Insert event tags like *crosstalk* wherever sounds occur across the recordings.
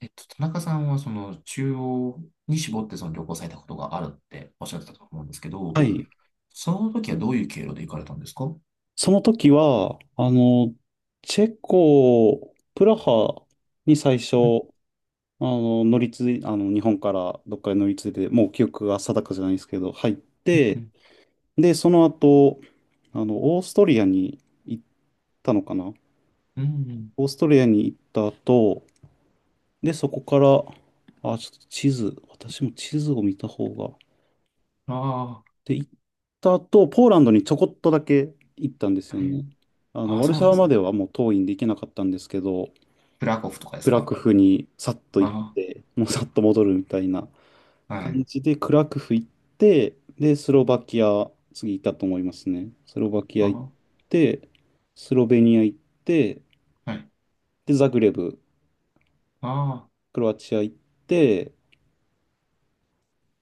田中さんはその中央に絞ってその旅行されたことがあるっておっしゃってたと思うんですけど、はい。その時はどういう経路で行かれたんですか？うその時は、チェコ、プラハに最初、ん、あの、乗り継い、あの、日本からどっかに乗り継いで、もう記憶が定かじゃないですけど、入っうん、うて、ん。で、その後、オーストリアに行ったのかな。うん。オーストリアに行った後、で、そこから、あ、ちょっと地図、私も地図を見た方が。あで、行った後、ポーランドにちょこっとだけ行ったんであすー、よあれ、ね。ああ、ワルそうシなャんでワすまでね。はもう遠いんで行けなかったんですけど、クラコフとかでクすラクか？フにさっと行あって、もうさっと戻るみたいなあ、は感い。じで、クラクフ行って、で、スロバキア、次行ったと思いますね。スロバキアあ行っあ、て、スロベニア行って、はい。で、ザグレブ、ああ、クロアチア行って、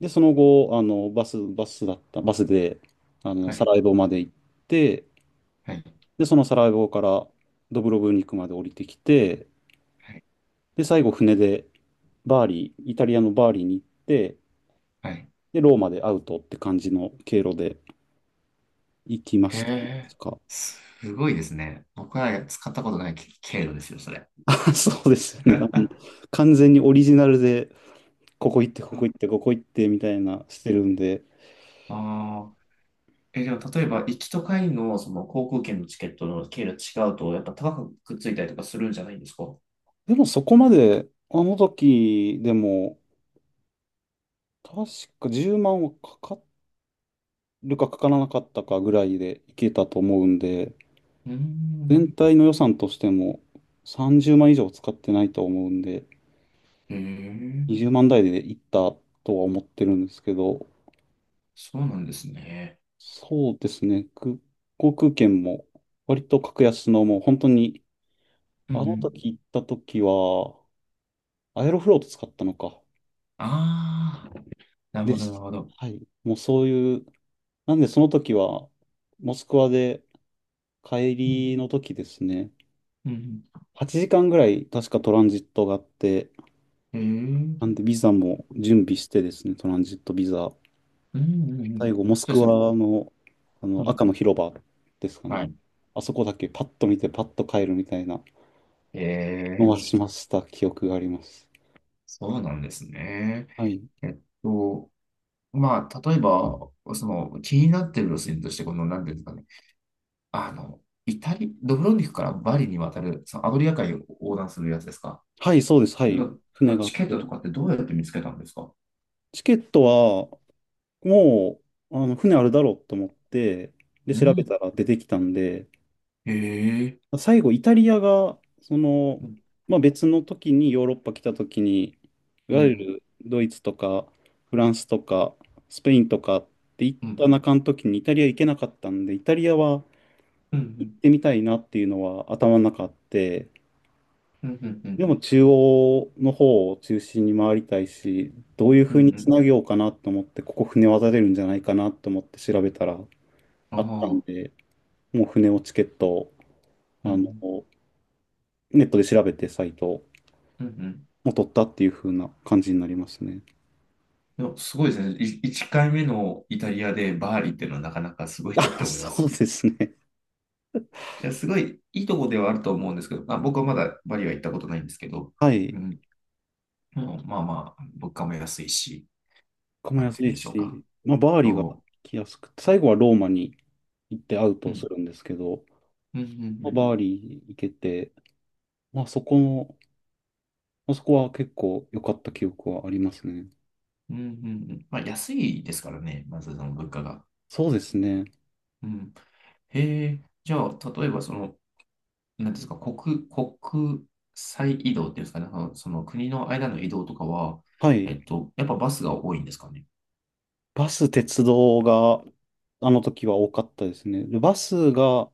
で、その後、バス、バスだった、バスで、はサい。ラエボまで行って、はい。で、そのサラエボからドブロブニクまで降りてきて、はい。で、最後船でバーリー、イタリアのバーリーに行って、はい。で、ローマでアウトって感じの経路で行きまへしたとえ、か。すごいですね。僕は使ったことない経路ですよ、それ。*laughs* そうですよね。*laughs* 完全にオリジナルで、ここ行って、こあこ行って、ここ行ってみたいなしてるんで。あ。え、でも例えば、行きと帰りのその航空券のチケットの経路違うと、やっぱ高くくっついたりとかするんじゃないんですか？うでもそこまで、あの時でも、確か10万はかかるかかからなかったかぐらいで行けたと思うんで、ー全ん。体の予算としても30万以上使ってないと思うんで、へえ、20万台でいったとは思ってるんですけど、そうなんですね。そうですね、航空券も割と格安のもう本当に、うんうあのん。時行った時は、アエロフロート使ったのか。ああ、なるでほど、なるす。ほど。はい。もうそういう、なんでその時は、モスクワで帰うん、りの時ですね、うん、う8時間ぐらい確かトランジットがあって、ん。へなえ、んでビザも準備してですね、トランジットビザ。うんうんう最ん。後、モスそうクですね。ワの、あうのん、赤の広場ですかはね。い。あそこだけパッと見てパッと帰るみたいなへのえ、はしました記憶があります。そうなんですね。はい。えっと、まあ、例えば、その気になってる路線として、この何ですかね。あの、イタリ、ドブロンニクからバリに渡る、そのアドリア海を横断するやつですか？はい、そうです。はい。の、そ船のがあっチケットとて。かってどうやって見つけたんですか？チケットは、もう、船あるだろうと思って、で、う調べん。たら出てきたんで、へえ。最後、イタリアが、うん、まあ、別の時にヨーロッパ来た時に、いうわゆん、るドイツとかフランスとかスペインとかって行っうたん、中の時にイタリア行けなかったんで、イタリアは行うん、うっん、てみたいなっていうのは頭の中あって、うん、うん、うでん、も中央の方を中心に回りたいし、どういううふん。うにうつん。なげようかなと思って、ここ船渡れるんじゃないかなと思って調べたらああったんあ、で、もう船をチケットを、うあの、ん、ネットで調べてサイトをうん、うん。もう取ったっていう風な感じになりますね。でもすごいですね。い1回目のイタリアでバーリーっていうのはなかなかすごいなっあ、て思いまそうす。ですね。いや、すごいいいとこではあると思うんですけど、まあ、僕はまだバリは行ったことないんですけど、はい。うん、うん。まあまあ、物価も安いし、ここもなんて安言うんいでしょうか。し、まあ、バーリがそう。来やすくて、最後はローマに行ってアウトうをすん。るんですけど、うん、うん、まうあん。バーリ行けて、まあ、そこの、まあ、そこは結構良かった記憶はありますね。うん、うん。うん。まあ、安いですからね、まずその物価が。そうですね。うん。へえ、じゃあ、例えばその、なんですか、国、国際移動っていうんですかね、その、その国の間の移動とかは、はい。やっぱバスが多いんですかね。バス、鉄道が、あの時は多かったですね。でバスが、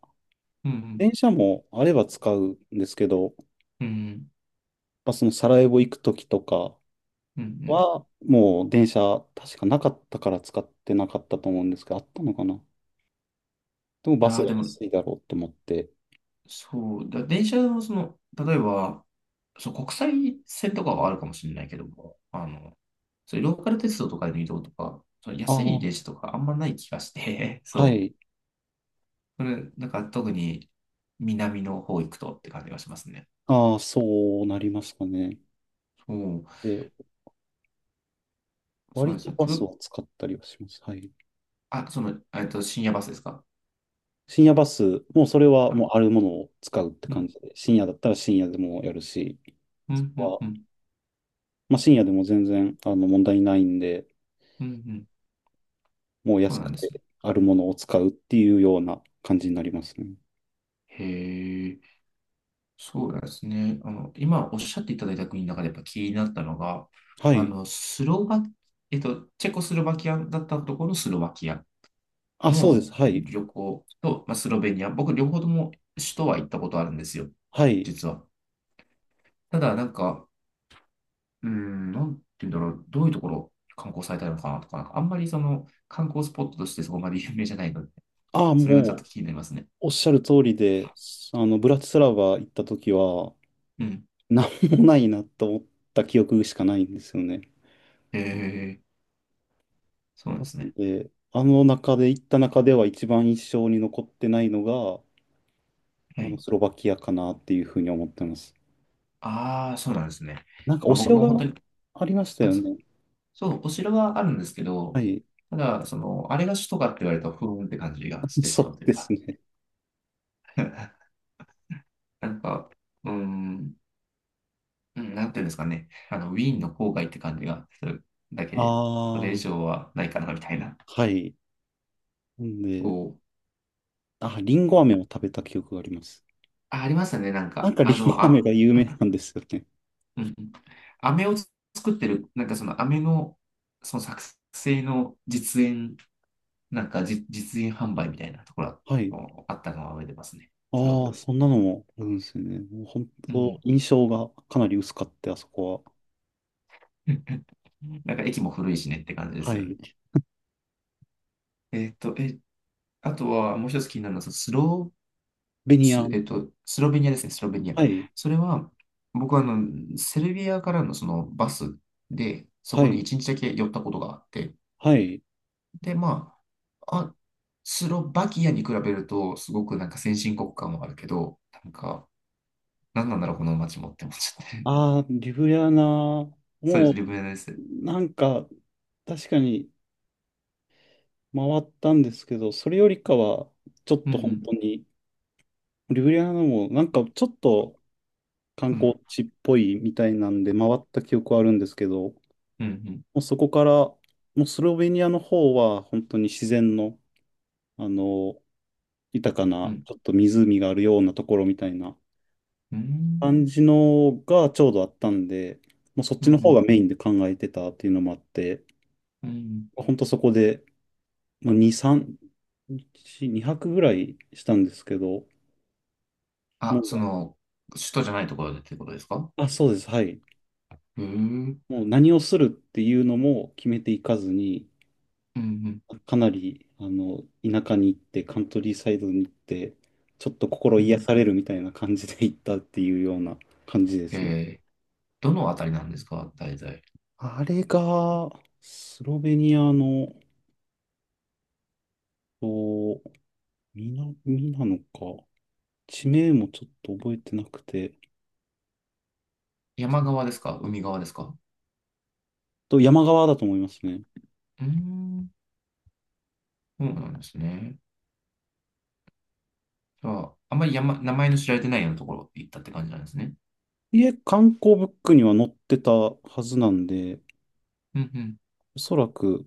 うん、電車もあれば使うんですけど、うん、うん、まあ、そのサラエボ行く時とか、うん、うん。は、もう電車、確かなかったから使ってなかったと思うんですけど、あったのかな。でもいバスやー、がでも、安いだろうと思って。そう、だ電車のその、例えば、そう、国際線とかはあるかもしれないけども、そういうローカル鉄道とかでの移動とか、そのあ安いあ、電車とかあんまない気がして、*laughs* はそう。い。それ、なんか特に南の方行くとって感じがしますね。ああ、そうなりますかね。そう、で、そう割ですとね。バくスる、を使ったりはします。はい。あ、その、深夜バスですか？深夜バス、もうそれはあ。もうあるものを使うってう感ん、じで、深夜だったら深夜でもやるし、うそん、うこん、うは、ん、まあ、深夜でも全然問題ないんで、うん、うん。もうそ安うなくんですね。てあるものを使うっていうような感じになりますね。へえ、そうなんですね。あの、今おっしゃっていただいた国の中でやっぱ気になったのが、はあい。の、スロバ、チェコスロバキアだったところのスロバキアあ、そうでのす。はい。旅行と、まあ、スロベニア、僕両方とも首都は行ったことあるんですよ、はい。実は。ただ、なんか、うーん、なんて言うんだろう、どういうところ観光されたいのかなとか、なんかあんまりその観光スポットとしてそこまで *laughs* 有名じゃないので、ああ、それがちょっもとう、気になりますね。おっしゃる通りで、ブラチスラバ行った時は、うん。なんもないなと思った記憶しかないんですよね。ええ、そうなんですね。で、あの中で、行った中では一番印象に残ってないのが、はい。スロバキアかなっていうふうに思ってます。ああ、そうなんですね。なんか、おまあ、僕城も本当がに、ありましたあ、よそう、ね。そうお城はあるんですけはど、い。ただ、その、あれが首都かって言われると、ふーんって感じがしてしそまううというですか、ね。*laughs* なんか、うーん、うん。なんていうんですかね、あの、ウィーンの郊外って感じがするだけあで、それ以あ、上はないかな、みたいな。はい。んこで、う。あ、リンゴ飴を食べた記憶があります。あ、ありましたね、なんなんか。か、リあンゴの、飴あ、が有名なんですよね。うん。飴を作ってる、なんかその飴の、その作成の実演、なんかじ、実演販売みたいなところはい。もあったのは覚えてますね。すごああ、く。そんなのもあるんですよね。もう本う当、ん。印象がかなり薄かって、あそこは。*laughs* なんか駅も古いしねって感じですはよね。い。え、あとはもう一つ気になるのは、そのスロベー、ニヤス、ン。スロベニアですね、スロベニア。はい。それは、僕はあの、セルビアからのそのバスで、そはこにい。一日だけ寄ったことがあって、はい。で、まあ、あ、スロバキアに比べると、すごくなんか先進国感もあるけど、なんか、なんなんだろう、この街もって思っちゃって。ああ、リブヤナも、*laughs* そうです、リブネです。なんか、確かに回ったんですけど、それよりかは、ちょっうんうと本ん、当に、リブリアナも、なんかちょっと観うん、光地っぽいみたいなんで、回った記憶はあるんですけど、もうん、うそこから、もうスロベニアの方は、本当に自然の、あの、豊かうな、ん、ちょっと湖があるようなところみたいなうん、うん、感じのがちょうどあったんで、もうそっうちの方がん、メインで考えてたっていうのもあって、うん。本当そこで、まあ、2、3、1 2泊ぐらいしたんですけど、もあ、そう、の、首都じゃないところでってことですか？あ、そうです、はい。へえ、うん、もう何をするっていうのも決めていかずに、うん、かなり、田舎に行って、カントリーサイドに行って、ちょっと心う癒ん。されるみたいな感じで行ったっていうような感じでへすね。え、どのあたりなんですか大体。あれが、スロベニアの、と、みな、ミなのか、地名もちょっと覚えてなくて、山側ですか海側ですか？山側だと思いますね。うーん、そうなんですね。じゃあ、あんまり山、名前の知られてないようなところ行ったって感じなんですね。いえ、観光ブックには載ってたはずなんで、うんおそらく、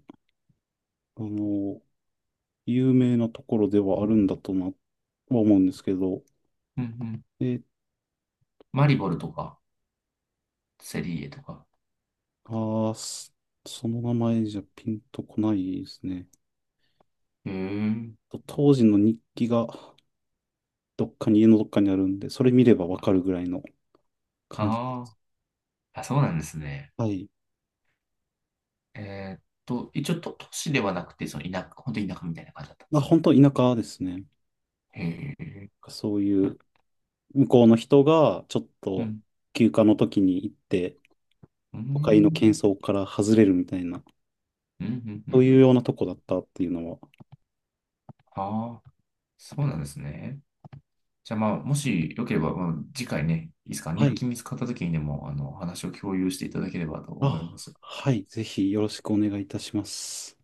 あの、有名なところではあるんだとな、は思うんですけど、うん、うんうん。えっとマリボルとか、セリエとか。あーすその名前じゃピンとこないですね。へ。当時の日記がどっかに、家のどっかにあるんで、それ見ればわかるぐらいの感じであす。あ、あ、そうなんですね。はい。えーっと、一応都、都市ではなくて、その田舎、本当に田舎みたいな感じだったんでまあ、すね。本当田舎ですね。へえ。そういうん、う、向こうの人が、ちょっうとん、休暇の時に行って、う都会のん、喧騒から外れるみたいな、うん、うそうん。いうようなとこだったっていうのは。ああ、そうなんですね。じゃあまあ、もしよければ、まあ、次回ね、いいですか、は日い。記見つかった時にでも、あの、お話を共有していただければと思いあ、ます。はい。ぜひよろしくお願いいたします。